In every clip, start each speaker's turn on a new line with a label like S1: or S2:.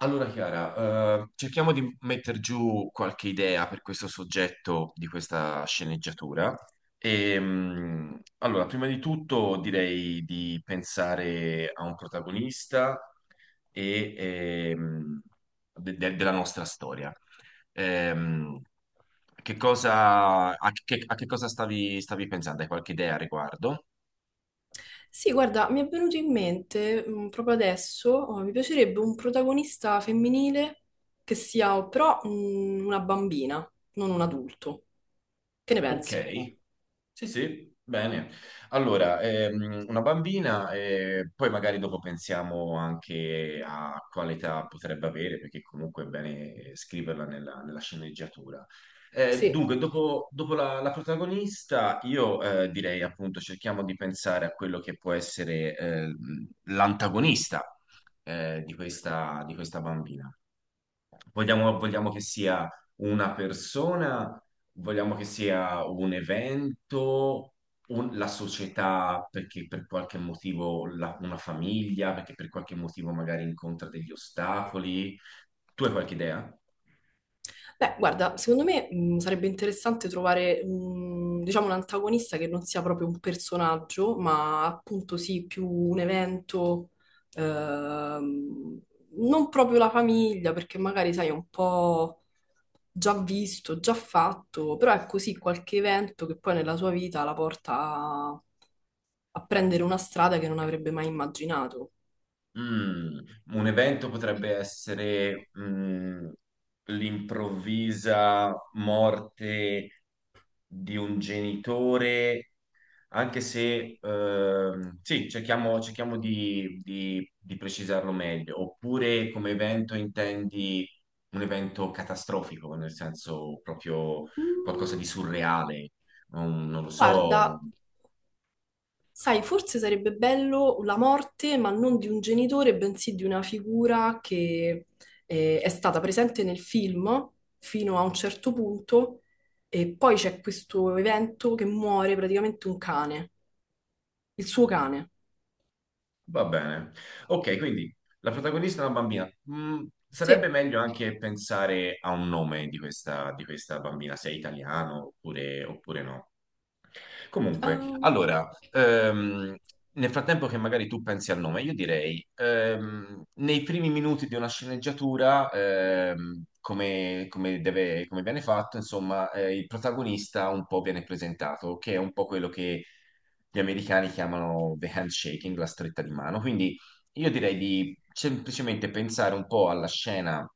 S1: Allora Chiara, cerchiamo di mettere giù qualche idea per questo soggetto di questa sceneggiatura. E, allora, prima di tutto direi di pensare a un protagonista e, della nostra storia. Ehm, che cosa, a che cosa stavi pensando? Hai qualche idea a riguardo?
S2: Sì, guarda, mi è venuto in mente proprio adesso, oh, mi piacerebbe un protagonista femminile che sia però una bambina, non un adulto. Che ne pensi?
S1: Ok. Sì, sì, bene. Allora, una bambina e poi magari dopo pensiamo anche a quale età potrebbe avere, perché comunque è bene scriverla nella sceneggiatura.
S2: Sì.
S1: Dunque, dopo la protagonista, io direi appunto cerchiamo di pensare a quello che può essere l'antagonista di questa bambina. Vogliamo che sia una persona, vogliamo che sia un evento, la società perché per qualche motivo una famiglia, perché per qualche motivo magari incontra degli ostacoli. Tu hai qualche idea?
S2: Beh, guarda, secondo me sarebbe interessante trovare, diciamo, un antagonista che non sia proprio un personaggio, ma appunto sì, più un evento, ehm, non proprio la famiglia, perché magari, sai, è un po' già visto, già fatto, però è così qualche evento che poi nella sua vita la porta a prendere una strada che non avrebbe mai immaginato.
S1: Mm, un evento potrebbe essere mm, l'improvvisa morte di un genitore anche se sì, cerchiamo di, di precisarlo meglio, oppure come evento intendi un evento catastrofico, nel senso proprio
S2: Mm.
S1: qualcosa di surreale, un- non lo so, un-
S2: Guarda, sai, forse sarebbe bello la morte, ma non di un genitore, bensì di una figura che è stata presente nel film fino a un certo punto e poi c'è questo evento che muore praticamente un cane, il suo cane.
S1: va bene. Ok, quindi la protagonista è una bambina. Mm, sarebbe
S2: Sì,
S1: meglio anche pensare a un nome di questa bambina, se è italiano oppure, oppure no. Comunque,
S2: ehm,
S1: allora, nel frattempo che magari tu pensi al nome, io direi, nei primi minuti di una sceneggiatura, come, come viene fatto, insomma, il protagonista un po' viene presentato, che è un po' quello che gli americani chiamano the handshaking, la stretta di mano. Quindi io direi di semplicemente pensare un po' alla scena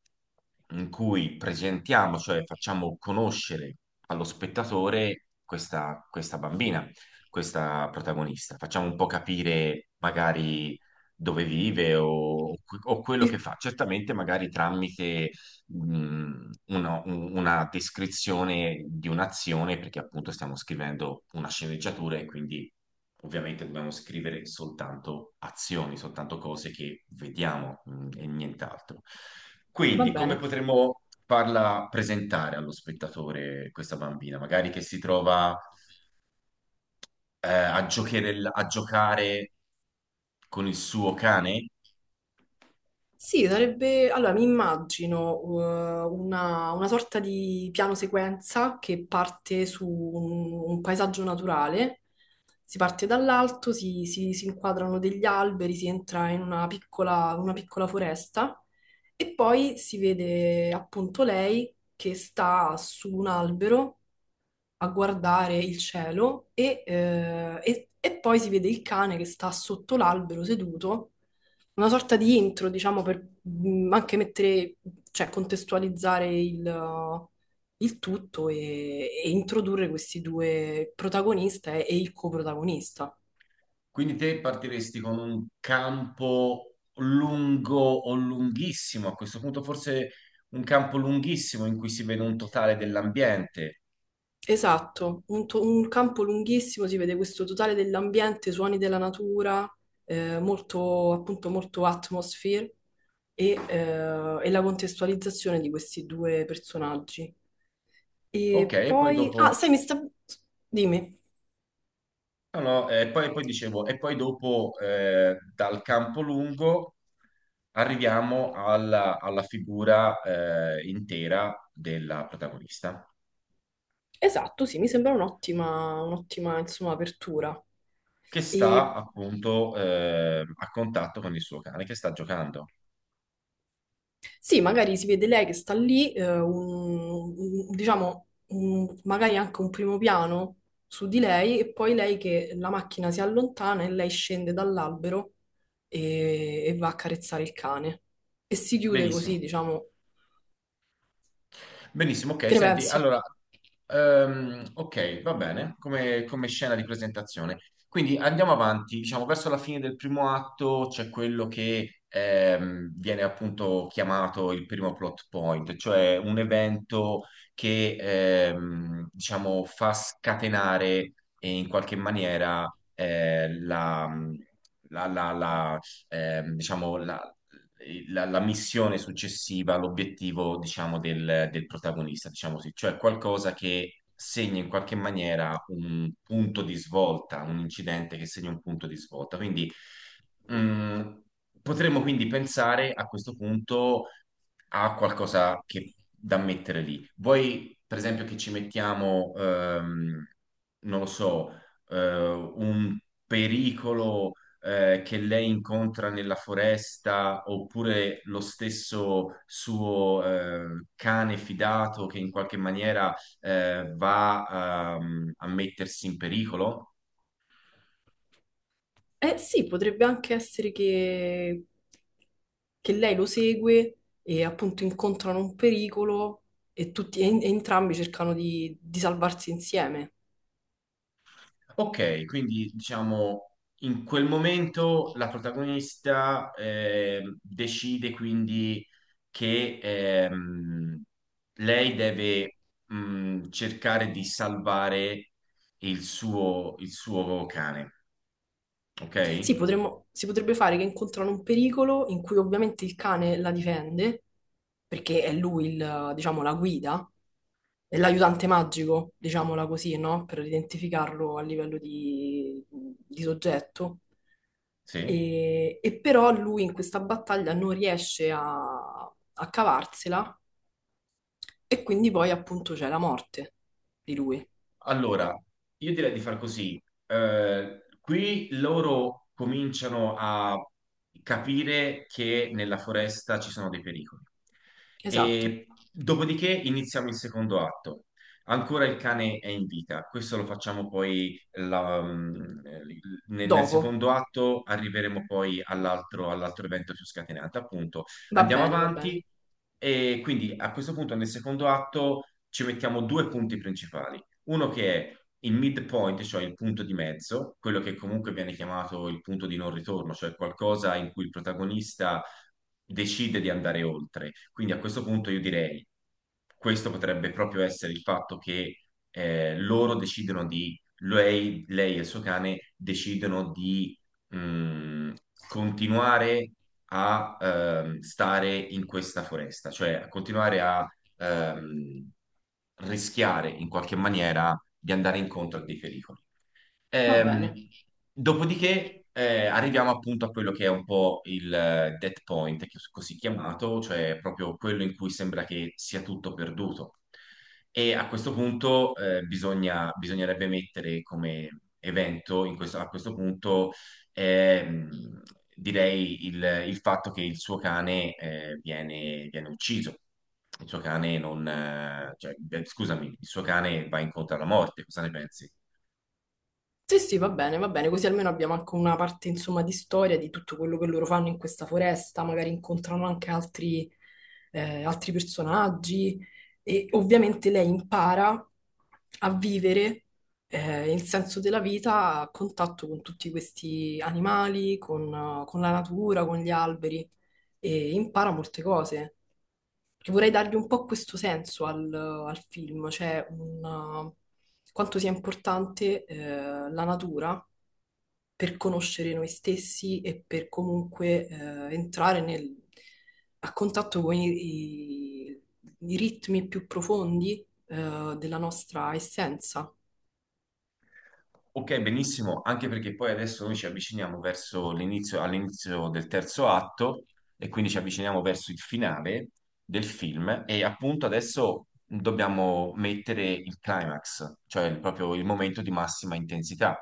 S1: in cui presentiamo, cioè facciamo conoscere allo spettatore questa, questa bambina, questa protagonista. Facciamo un po' capire magari dove vive o quello che
S2: il-
S1: fa. Certamente magari tramite una, una descrizione di un'azione, perché appunto stiamo scrivendo una sceneggiatura e quindi ovviamente dobbiamo scrivere soltanto azioni, soltanto cose che vediamo mm, e nient'altro.
S2: va
S1: Quindi, come
S2: bene.
S1: potremmo farla presentare allo spettatore questa bambina? Magari che si trova a a giocare con il suo cane?
S2: Sì, sarebbe... Allora, mi immagino una sorta di piano sequenza che parte su un paesaggio naturale. Si parte dall'alto, si inquadrano degli alberi, si entra in una una piccola foresta e poi si vede appunto lei che sta su un albero a guardare il cielo e poi si vede il cane che sta sotto l'albero seduto, una sorta di intro, diciamo, per anche mettere, cioè contestualizzare il tutto e introdurre questi due protagonista e il coprotagonista.
S1: Quindi te partiresti con un campo lungo o lunghissimo, a questo punto forse un campo lunghissimo in cui si vede un totale dell'ambiente.
S2: Esatto, un campo lunghissimo, si vede questo totale dell'ambiente, suoni della natura, molto, appunto, molto atmosphere e la contestualizzazione di questi due personaggi.
S1: Ok,
S2: E
S1: e poi
S2: poi, ah,
S1: dopo
S2: sai, mi sta... Dimmi.
S1: no, no, e poi, poi dicevo, e poi dopo dal campo lungo arriviamo alla, alla figura intera della protagonista,
S2: Esatto, sì, mi sembra un'ottima, insomma, apertura.
S1: che sta appunto a contatto con il suo cane, che sta giocando.
S2: Sì, magari si vede lei che sta lì, diciamo, un- magari anche un primo piano su di lei e poi lei che la macchina si allontana e lei scende dall'albero e va a carezzare il cane. E si chiude così,
S1: Benissimo.
S2: diciamo.
S1: Benissimo,
S2: Che
S1: ok,
S2: ne
S1: senti,
S2: pensi?
S1: allora, ok, va bene, come, come scena di presentazione. Quindi andiamo avanti, diciamo, verso la fine del primo atto c'è quello che viene appunto chiamato il primo plot point, cioè un evento che, diciamo, fa scatenare in qualche maniera la... La, la, la, diciamo, la missione successiva, l'obiettivo, diciamo, del, del protagonista, diciamo così, cioè qualcosa che segna in qualche maniera un punto di svolta, un incidente che segna un punto di svolta. Quindi mh, potremmo quindi pensare a questo punto a qualcosa che, da mettere lì. Vuoi, per esempio, che ci mettiamo, non lo so, un pericolo che lei incontra nella foresta, oppure lo stesso suo cane fidato che in qualche maniera va a mettersi in pericolo.
S2: Eh sì, potrebbe anche essere che lei lo segue e appunto incontrano un pericolo e e entrambi cercano di salvarsi insieme.
S1: Ok, quindi diciamo. In quel momento la protagonista decide quindi che lei deve cercare di salvare il suo cane, ok?
S2: Sì, si potrebbe fare che incontrano un pericolo in cui ovviamente il cane la difende, perché è lui il, diciamo, la guida, è l'aiutante magico, diciamola così, no? Per identificarlo a livello di soggetto.
S1: Sì?
S2: E però lui in questa battaglia non riesce a cavarsela e quindi poi appunto c'è la morte di lui.
S1: Allora, io direi di far così. Qui loro cominciano a capire che nella foresta ci sono dei pericoli.
S2: Esatto.
S1: E dopodiché iniziamo il secondo atto. Ancora il cane è in vita. Questo lo facciamo poi mm, nel
S2: Dopo.
S1: secondo atto arriveremo poi all'altro evento più scatenante. Appunto,
S2: Va
S1: andiamo
S2: bene, va bene,
S1: avanti e quindi a questo punto nel secondo atto ci mettiamo due punti principali. Uno che è il midpoint, cioè il punto di mezzo, quello che comunque viene chiamato il punto di non ritorno, cioè qualcosa in cui il protagonista decide di andare oltre. Quindi a questo punto io direi, questo potrebbe proprio essere il fatto che loro decidono di, lei e il suo cane decidono di mh, continuare a stare in questa foresta, cioè a continuare a ehm, rischiare in qualche maniera di andare incontro a dei pericoli.
S2: va bene.
S1: Ehm, dopodiché arriviamo appunto a quello che è un po' il dead point, così chiamato, cioè proprio quello in cui sembra che sia tutto perduto. E a questo punto bisognerebbe mettere come evento, a questo punto, ehm, direi il fatto che il suo cane viene, viene ucciso. Il suo cane non, cioè, beh, scusami, il suo cane va incontro alla morte, cosa ne pensi?
S2: Sì, sì, va bene, così almeno abbiamo anche una parte, insomma, di storia di tutto quello che loro fanno in questa foresta, magari incontrano anche altri, altri personaggi e ovviamente lei impara a vivere, il senso della vita a contatto con tutti questi animali, con la natura, con gli alberi e impara molte cose. Perché vorrei dargli un po' questo senso al film, cioè un, quanto sia importante la natura per conoscere noi stessi e per comunque entrare nel- a contatto con i- i ritmi più profondi della nostra essenza.
S1: Ok, benissimo, anche perché poi adesso noi ci avviciniamo verso l'inizio, all'inizio del terzo atto e quindi ci avviciniamo verso il finale del film e appunto adesso dobbiamo mettere il climax, cioè proprio il momento di massima intensità.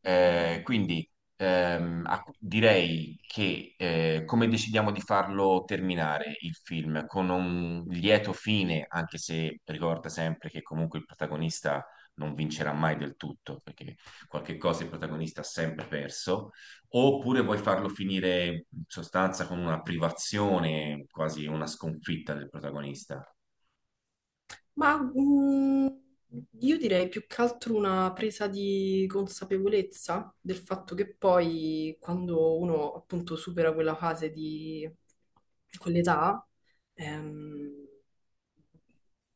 S1: Quindi a- direi che come decidiamo di farlo terminare il film? Con un lieto fine, anche se ricorda sempre che comunque il protagonista non vincerà mai del tutto, perché qualche cosa il protagonista ha sempre perso, oppure vuoi farlo finire in sostanza con una privazione, quasi una sconfitta del protagonista.
S2: Ma io direi più che altro una presa di consapevolezza del fatto che poi quando uno appunto supera quella fase di quell'età, ehm,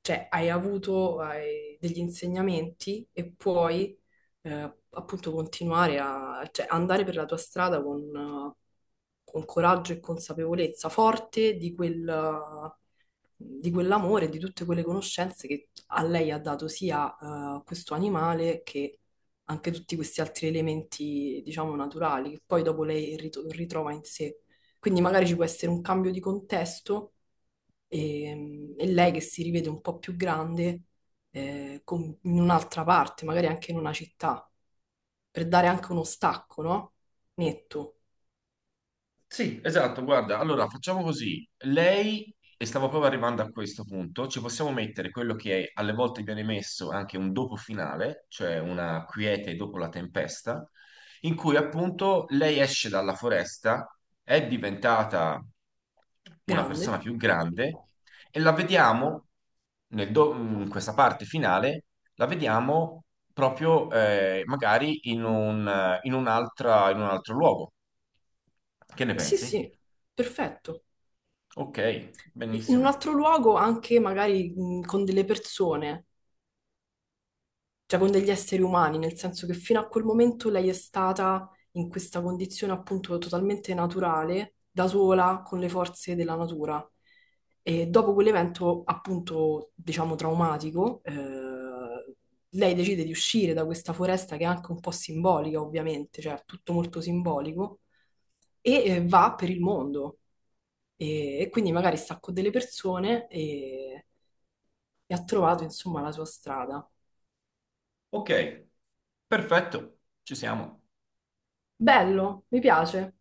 S2: cioè hai degli insegnamenti e puoi appunto continuare cioè, andare per la tua strada con coraggio e consapevolezza, forte di di quell'amore, di tutte quelle conoscenze che a lei ha dato sia questo animale che anche tutti questi altri elementi, diciamo, naturali, che poi dopo lei ritrova in sé. Quindi magari ci può essere un cambio di contesto e lei che si rivede un po' più grande in un'altra parte, magari anche in una città, per dare anche uno stacco, no? Netto,
S1: Sì, esatto, guarda, allora facciamo così. Lei, e stavo proprio arrivando a questo punto, ci possiamo mettere quello che alle volte viene messo anche un dopo finale, cioè una quiete dopo la tempesta, in cui appunto lei esce dalla foresta, è diventata una
S2: grande.
S1: persona più grande e la vediamo in questa parte finale, la vediamo proprio magari in un, in un'altra, in un altro luogo. Che ne
S2: Sì,
S1: pensi?
S2: sì, perfetto.
S1: Ok,
S2: In un
S1: benissimo.
S2: altro luogo anche magari con delle persone, cioè con degli esseri umani, nel senso che fino a quel momento lei è stata in questa condizione appunto totalmente naturale, da sola, con le forze della natura. E dopo quell'evento appunto, diciamo, traumatico, lei decide di uscire da questa foresta che è anche un po' simbolica, ovviamente, cioè è tutto molto simbolico, va per il mondo. E quindi magari sta con delle persone e ha trovato, insomma, la sua strada.
S1: Ok, perfetto, ci siamo.
S2: Bello, mi piace.